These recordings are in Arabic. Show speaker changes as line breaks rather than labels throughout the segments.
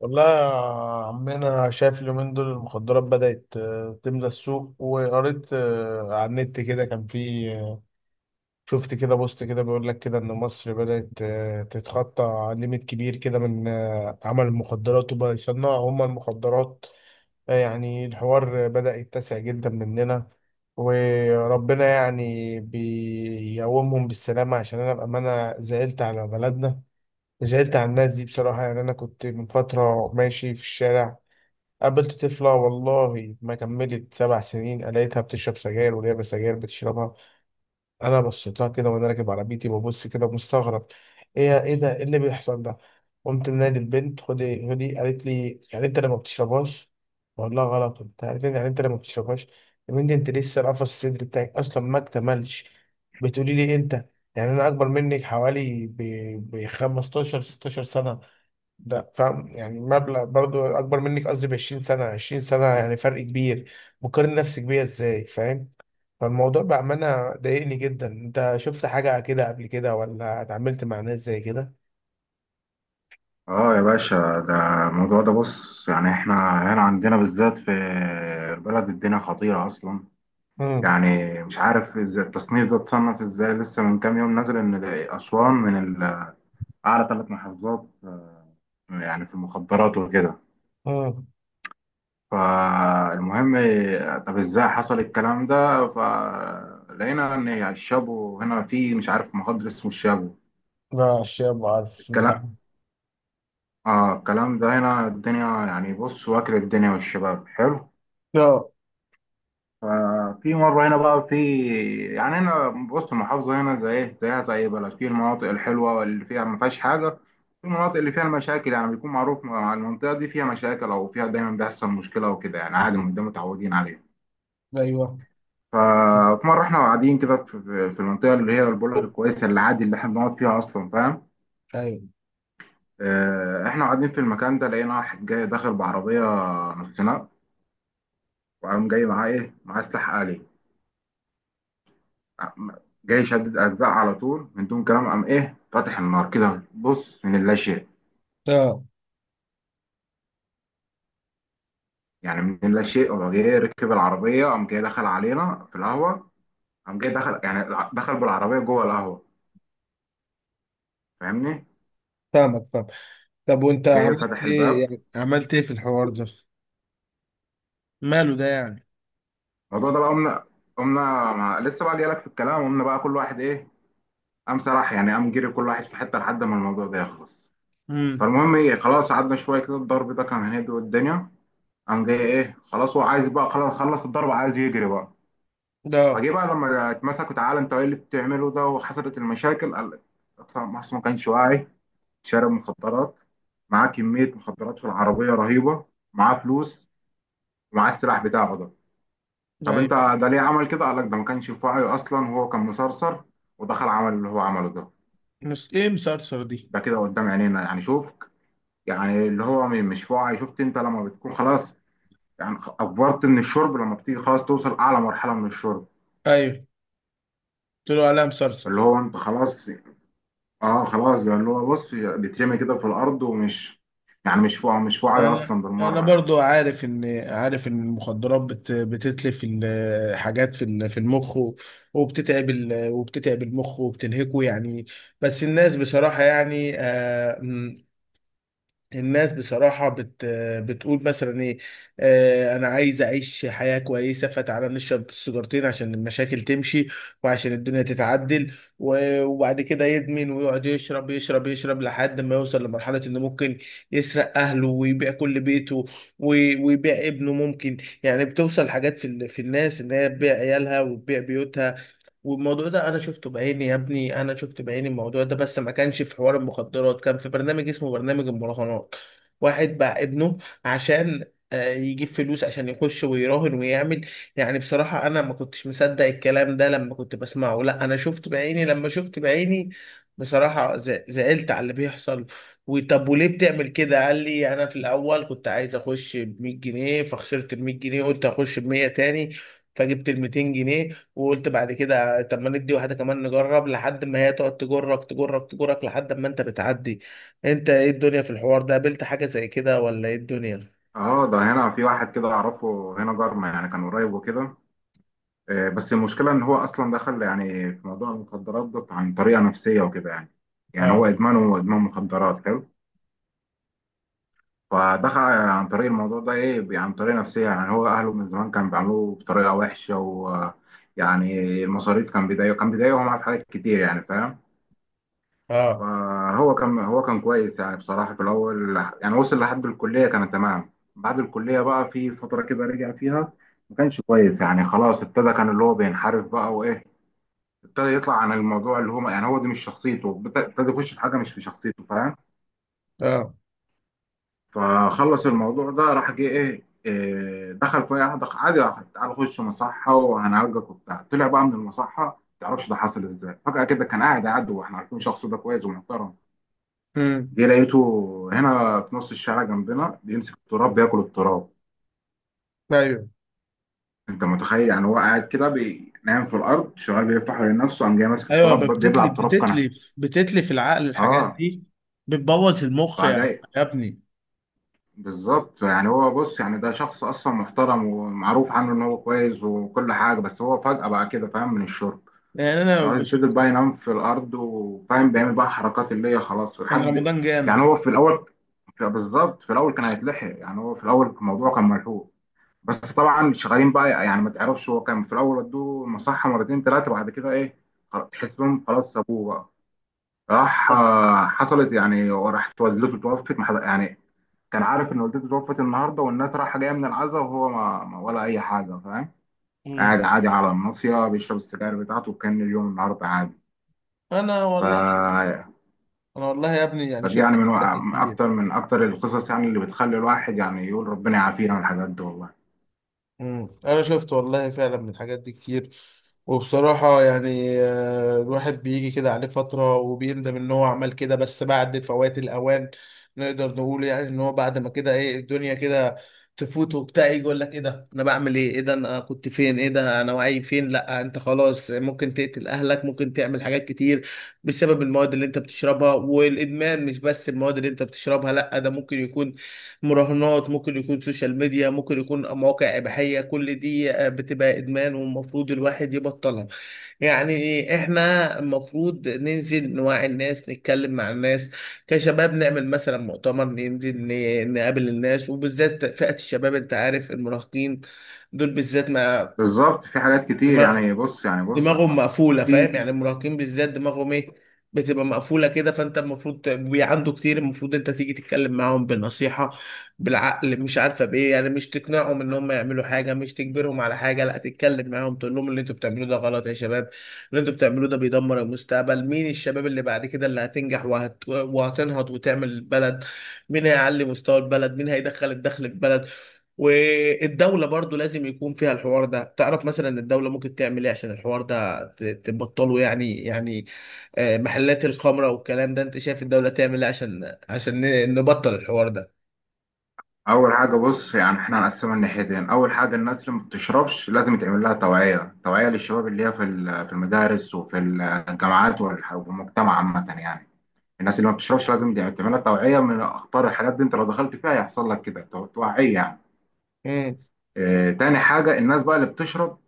والله يا عمنا، أنا شايف اليومين دول المخدرات بدأت تملى السوق. وقريت على النت كده كان في شفت كده بوست كده بيقول لك كده إن مصر بدأت تتخطى ليميت كبير كده من عمل المخدرات، وبقى يصنعوا هما المخدرات. يعني الحوار بدأ يتسع جدا مننا وربنا يعني بيقومهم بالسلامة، عشان أنا بأمانة زعلت على بلدنا. زعلت على الناس دي بصراحة. يعني أنا كنت من فترة ماشي في الشارع، قابلت طفلة والله ما كملت سبع سنين لقيتها بتشرب سجاير، ولعبة سجاير بتشربها. أنا بصيت لها كده وأنا راكب عربيتي، ببص كده مستغرب، إيه إيه ده؟ إيه اللي بيحصل ده؟ قمت منادي البنت، خدي خدي. قالت لي يعني أنت اللي ما بتشربهاش؟ بقول لها غلط وبتاع. قالت لي يعني أنت اللي ما بتشربهاش؟ يا بنتي أنت لسه القفص الصدري بتاعك أصلا ما اكتملش، بتقولي لي إيه أنت؟ يعني أنا أكبر منك حوالي ب 15 16 سنة. لا فاهم، يعني مبلغ برضو اكبر منك، قصدي ب 20 سنه، 20 سنه يعني فرق كبير. مقارن نفسك بيا ازاي؟ فاهم؟ فالموضوع بامانه ضايقني جدا. انت شفت حاجه كده قبل كده، ولا اتعاملت مع ناس زي كده؟
اه يا باشا ده الموضوع ده بص احنا هنا عندنا بالذات في البلد الدنيا خطيرة اصلا.
امم.
مش عارف ازاي التصنيف ده اتصنف ازاي، لسه من كام يوم نازل ان اسوان من ال- اعلى ثلاث محافظات في المخدرات وكده.
امم.
فالمهم، طب ازاي حصل الكلام ده؟ فلقينا ان الشابو هنا، في مش عارف مخدر اسمه الشابو.
لا الشيء، ما عارف، سمعت
الكلام
عنه.
اه الكلام ده هنا الدنيا، بص، واكل الدنيا والشباب حلو.
اه.
ففي مرة هنا بقى، في يعني هنا بص، المحافظة هنا زي إيه، زيها زي أي بلد، في المناطق الحلوة واللي فيها ما فيهاش حاجة، في المناطق اللي فيها المشاكل، بيكون معروف مع المنطقة دي فيها مشاكل أو فيها دايما بيحصل مشكلة وكده، عادي من ده متعودين عليه.
ايوه.
ففي مرة إحنا قاعدين كده في المنطقة اللي هي بقول لك الكويسة، اللي عادي اللي إحنا بنقعد فيها أصلا، فاهم؟
ايوه.
آه، إحنا قاعدين في المكان ده، لقينا واحد جاي داخل بعربية نص نقل، وقام جاي معاه إيه، معاه سلاح آلي. جاي شدد اجزاء على طول من دون كلام، قام ايه، فاتح النار كده بص من اللا شيء.
اه.
من اللا شيء، هو جاي ركب العربيه، قام جاي دخل علينا في القهوه، قام جاي دخل دخل بالعربيه جوه القهوه. فاهمني؟
فاهمك، فاهم. طب وانت
جاي
عملت
فتح
ايه؟
الباب.
يعني عملت ايه في الحوار ده؟ ماله ده يعني؟
الموضوع ده بقى، قمنا مع... لسه بقى جايلك في الكلام. قمنا بقى كل واحد ايه، قام سرح، قام جري كل واحد في حته لحد ما الموضوع ده يخلص.
امم.
فالمهم ايه، خلاص قعدنا شويه كده، الضرب ده كان هيهدي الدنيا. قام جاي ايه، خلاص هو عايز بقى، خلاص خلص الضرب عايز يجري بقى.
ده.
فجه بقى لما اتمسكوا، تعالى انت ايه اللي بتعمله ده وحصلت المشاكل، قال لك اطلع مصر، ما كانش واعي، شارب مخدرات، معاه كمية مخدرات في العربية رهيبة، معاه فلوس، ومعاه السلاح بتاعه ده. طب انت
ايوه.
ده ليه عمل كده؟ قال لك ده ما كانش في وعي اصلا، هو كان مسرسر، ودخل عمل اللي هو عمله ده.
ايه مسرسر دي؟
ده كده قدام عينينا، شوف، اللي هو مش في وعي. شفت انت لما بتكون خلاص، افورت من الشرب، لما بتيجي خلاص توصل اعلى مرحلة من الشرب،
ايوه، قلت له عليها مسرسر.
اللي هو انت خلاص. اه، خلاص بقى اللي هو بص بيترمي كده في الارض، ومش مش مش واعي
انا
اصلا
انا
بالمره يعني.
برضو عارف ان، عارف ان المخدرات بتتلف الحاجات في في المخ، وبتتعب وبتتعب المخ وبتنهكه يعني. بس الناس بصراحة يعني الناس بصراحة بتقول مثلا ايه، آه انا عايز اعيش حياة كويسة، فتعالى نشرب السيجارتين عشان المشاكل تمشي وعشان الدنيا تتعدل. وبعد كده يدمن ويقعد يشرب يشرب يشرب لحد ما يوصل لمرحلة انه ممكن يسرق اهله ويبيع كل بيته، ويبيع ابنه ممكن. يعني بتوصل حاجات في في الناس ان هي تبيع عيالها وتبيع بيوتها. والموضوع ده انا شفته بعيني يا ابني، انا شفت بعيني الموضوع ده، بس ما كانش في حوار المخدرات، كان في برنامج اسمه برنامج المراهنات. واحد باع ابنه عشان يجيب فلوس عشان يخش ويراهن ويعمل. يعني بصراحة انا ما كنتش مصدق الكلام ده لما كنت بسمعه، لا انا شفت بعيني، لما شفت بعيني بصراحة زعلت على اللي بيحصل. وطب وليه بتعمل كده؟ قال لي انا في الاول كنت عايز اخش ب 100 جنيه، فخسرت ال 100 جنيه، قلت اخش ب 100 تاني، فجبت ال 200 جنيه. وقلت بعد كده طب ما ندي واحده كمان نجرب، لحد ما هي تقعد تجرك تجرك تجرك لحد ما انت بتعدي. انت ايه الدنيا في الحوار ده؟ قابلت حاجه زي كده ولا ايه الدنيا؟
اه ده هنا في واحد كده اعرفه هنا، جارنا، كان قريب وكده. آه بس المشكله ان هو اصلا دخل في موضوع المخدرات ده عن طريقه نفسيه وكده يعني. هو
اه.
ادمانه، هو ادمان مخدرات حلو. فدخل عن طريق الموضوع ده ايه، عن طريقه نفسيه. هو اهله من زمان كانوا بيعاملوه بطريقه وحشه، و يعني المصاريف كان بيضايقه، كان بيضايقهم في حاجات كتير يعني، فاهم؟
اه.
فهو كان، هو كان كويس يعني بصراحة في الأول. وصل لحد الكلية كان تمام، بعد الكلية بقى في فترة كده رجع فيها ما كانش كويس، خلاص ابتدى كان اللي هو بينحرف بقى وإيه، ابتدى يطلع عن الموضوع اللي هو، هو دي مش شخصيته، ابتدى يخش في حاجة مش في شخصيته، فاهم؟
اه.
فخلص الموضوع ده، راح جه إيه إيه، دخل في أي واحدة عادي، راح، تعالى خش مصحة وهنعالجك وبتاع، طلع بقى من المصحة. ما تعرفش ده حصل ازاي، فجأة كده كان قاعد عدو واحنا عارفين شخصه ده كويس ومحترم.
امم.
جه لقيته هنا في نص الشارع جنبنا بيمسك التراب، بياكل التراب.
ايوه.
انت متخيل؟ هو قاعد كده نايم في الارض، شغال بيلف حوالين نفسه، قام جاي ماسك
ايوه
التراب بيبلع
بتتلف
التراب كنب.
بتتلف بتتلف العقل الحاجات
اه
دي، بتبوظ المخ يعني
فجاي
يا ابني.
بالظبط، هو بص ده شخص اصلا محترم ومعروف عنه ان هو كويس وكل حاجه، بس هو فجأة بقى كده فاهم من الشرب.
يعني انا بشوف،
ففضل بقى ينام في الارض وفاهم، بيعمل بقى حركات اللي هي خلاص
انا
لحد.
رمضان
يعني
جانا.
هو في الاول بالظبط في الاول كان هيتلحق، هو في الاول الموضوع كان ملحوق. بس طبعا شغالين بقى، ما تعرفش، هو كان في الاول ودوه المصحه مرتين ثلاثه، بعد كده ايه خلاص تحسهم خلاص سابوه بقى. راح
طب-
آه، حصلت وراحت والدته توفت، ما حد- يعني كان عارف ان والدته توفت النهارده والناس رايحه جايه من العزاء، وهو ولا اي حاجه، فاهم؟ قاعد
امم.
عادي على الناصيه بيشرب السجاير بتاعته، وكان اليوم النهارده عادي.
انا
ف
والله، انا والله يا ابني يعني
فدي
شفت الحاجات دي
من
كتير.
اكتر القصص اللي بتخلي الواحد يقول ربنا يعافينا من الحاجات دي والله.
مم. انا شفت والله فعلا من الحاجات دي كتير. وبصراحة يعني الواحد بيجي كده عليه فترة وبيندم ان هو عمل كده، بس بعد فوات الاوان. نقدر نقول يعني ان هو بعد ما كده ايه الدنيا كده تفوت وبتاع، يجي يقول لك ايه ده انا بعمل ايه؟ ايه ده انا كنت فين؟ ايه ده انا وعي فين؟ لا انت خلاص، ممكن تقتل اهلك، ممكن تعمل حاجات كتير بسبب المواد اللي انت بتشربها والادمان. مش بس المواد اللي انت بتشربها، لا ده ممكن يكون مراهنات، ممكن يكون سوشيال ميديا، ممكن يكون مواقع إباحية. كل دي بتبقى إدمان، والمفروض الواحد يبطلها. يعني احنا المفروض ننزل نوعي الناس، نتكلم مع الناس كشباب، نعمل مثلا مؤتمر، ننزل نقابل الناس وبالذات فئة الشباب. انت عارف المراهقين دول بالذات ما
بالظبط في حاجات كتير،
دماغهم
يعني بص يعني بص
دماغهم مقفوله، فاهم؟
في
يعني المراهقين بالذات دماغهم ايه، بتبقى مقفوله كده. فانت المفروض عنده كتير، المفروض انت تيجي تتكلم معاهم بالنصيحه، بالعقل، مش عارفه بايه، يعني مش تقنعهم ان هم يعملوا حاجه، مش تجبرهم على حاجه، لا تتكلم معاهم، تقول لهم اللي انتوا بتعملوه ده غلط يا شباب، اللي انتوا بتعملوه ده بيدمر المستقبل. مين الشباب اللي بعد كده اللي هتنجح وهتنهض وتعمل البلد؟ مين هيعلي مستوى البلد؟ مين هيدخل الدخل البلد؟ والدولة برضو لازم يكون فيها الحوار ده. تعرف مثلا الدولة ممكن تعمل ايه عشان الحوار ده تبطله؟ يعني محلات الخمرة والكلام ده، انت شايف الدولة تعمل ايه عشان نبطل الحوار ده؟
اول حاجه بص، احنا هنقسمها لناحيتين. اول حاجه الناس اللي ما بتشربش لازم يتعمل لها توعيه، توعيه للشباب اللي هي في في المدارس وفي الجامعات والمجتمع عامه يعني. الناس اللي ما بتشربش لازم يتعمل لها توعيه من اخطار الحاجات دي، انت لو دخلت فيها هيحصل لك كده توعيه يعني.
مم.
آه، تاني حاجة الناس بقى اللي بتشرب،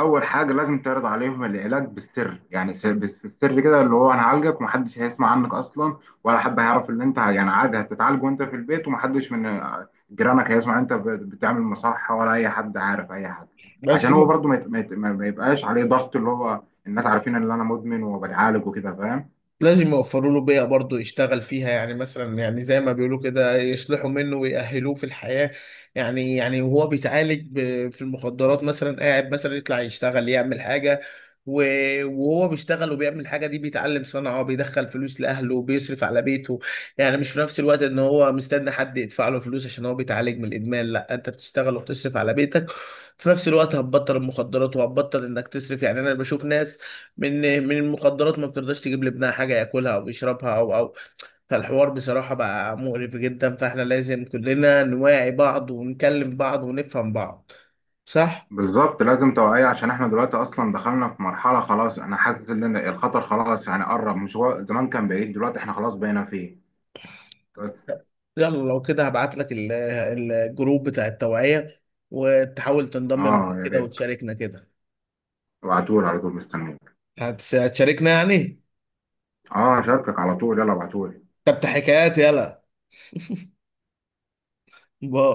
أول حاجة لازم تعرض عليهم العلاج بالسر، بالسر كده، اللي هو هنعالجك ومحدش هيسمع عنك أصلا، ولا حد هيعرف إن أنت، عادي هتتعالج وأنت في البيت، ومحدش من آه، جيرانك هيسمع أنت بتعمل مصحة ولا أي حد عارف أي حاجة.
بس
عشان هو
م-
برضو ما يت- ما يت- ما- ما يبقاش عليه ضغط اللي هو الناس عارفين إن أنا مدمن وبتعالج وكده، فاهم؟
لازم يوفروا له بيئة برضه يشتغل فيها. يعني مثلا يعني زي ما بيقولوا كده، يصلحوا منه ويأهلوه في الحياة. يعني وهو بيتعالج في المخدرات، مثلا قاعد مثلا يطلع يشتغل يعمل حاجة، وهو بيشتغل وبيعمل الحاجة دي، بيتعلم صنعة، بيدخل فلوس لأهله، بيصرف على بيته. يعني مش في نفس الوقت إن هو مستني حد يدفع له فلوس عشان هو بيتعالج من الإدمان، لا أنت بتشتغل وبتصرف على بيتك في نفس الوقت، هتبطل المخدرات وهتبطل إنك تصرف. يعني أنا بشوف ناس من من المخدرات ما بترضاش تجيب لابنها حاجة ياكلها او يشربها او او. فالحوار بصراحة بقى مقرف جدا، فاحنا لازم كلنا نواعي بعض ونكلم بعض ونفهم بعض. صح؟
بالظبط لازم توعية، عشان احنا دلوقتي اصلا دخلنا في مرحلة خلاص، انا حاسس ان أنا الخطر خلاص، قرب، مش هو زمان كان بعيد، دلوقتي احنا خلاص بقينا فيه. بس
يلا لو كده هبعت لك الجروب بتاع التوعية، وتحاول تنضم معانا
اه يا
كده
ريت،
وتشاركنا كده.
ابعتولي على طول مستنيك.
هتشاركنا يعني؟
اه هشاركك على طول، يلا ابعتولي.
طب ده حكايات. يلا، باي.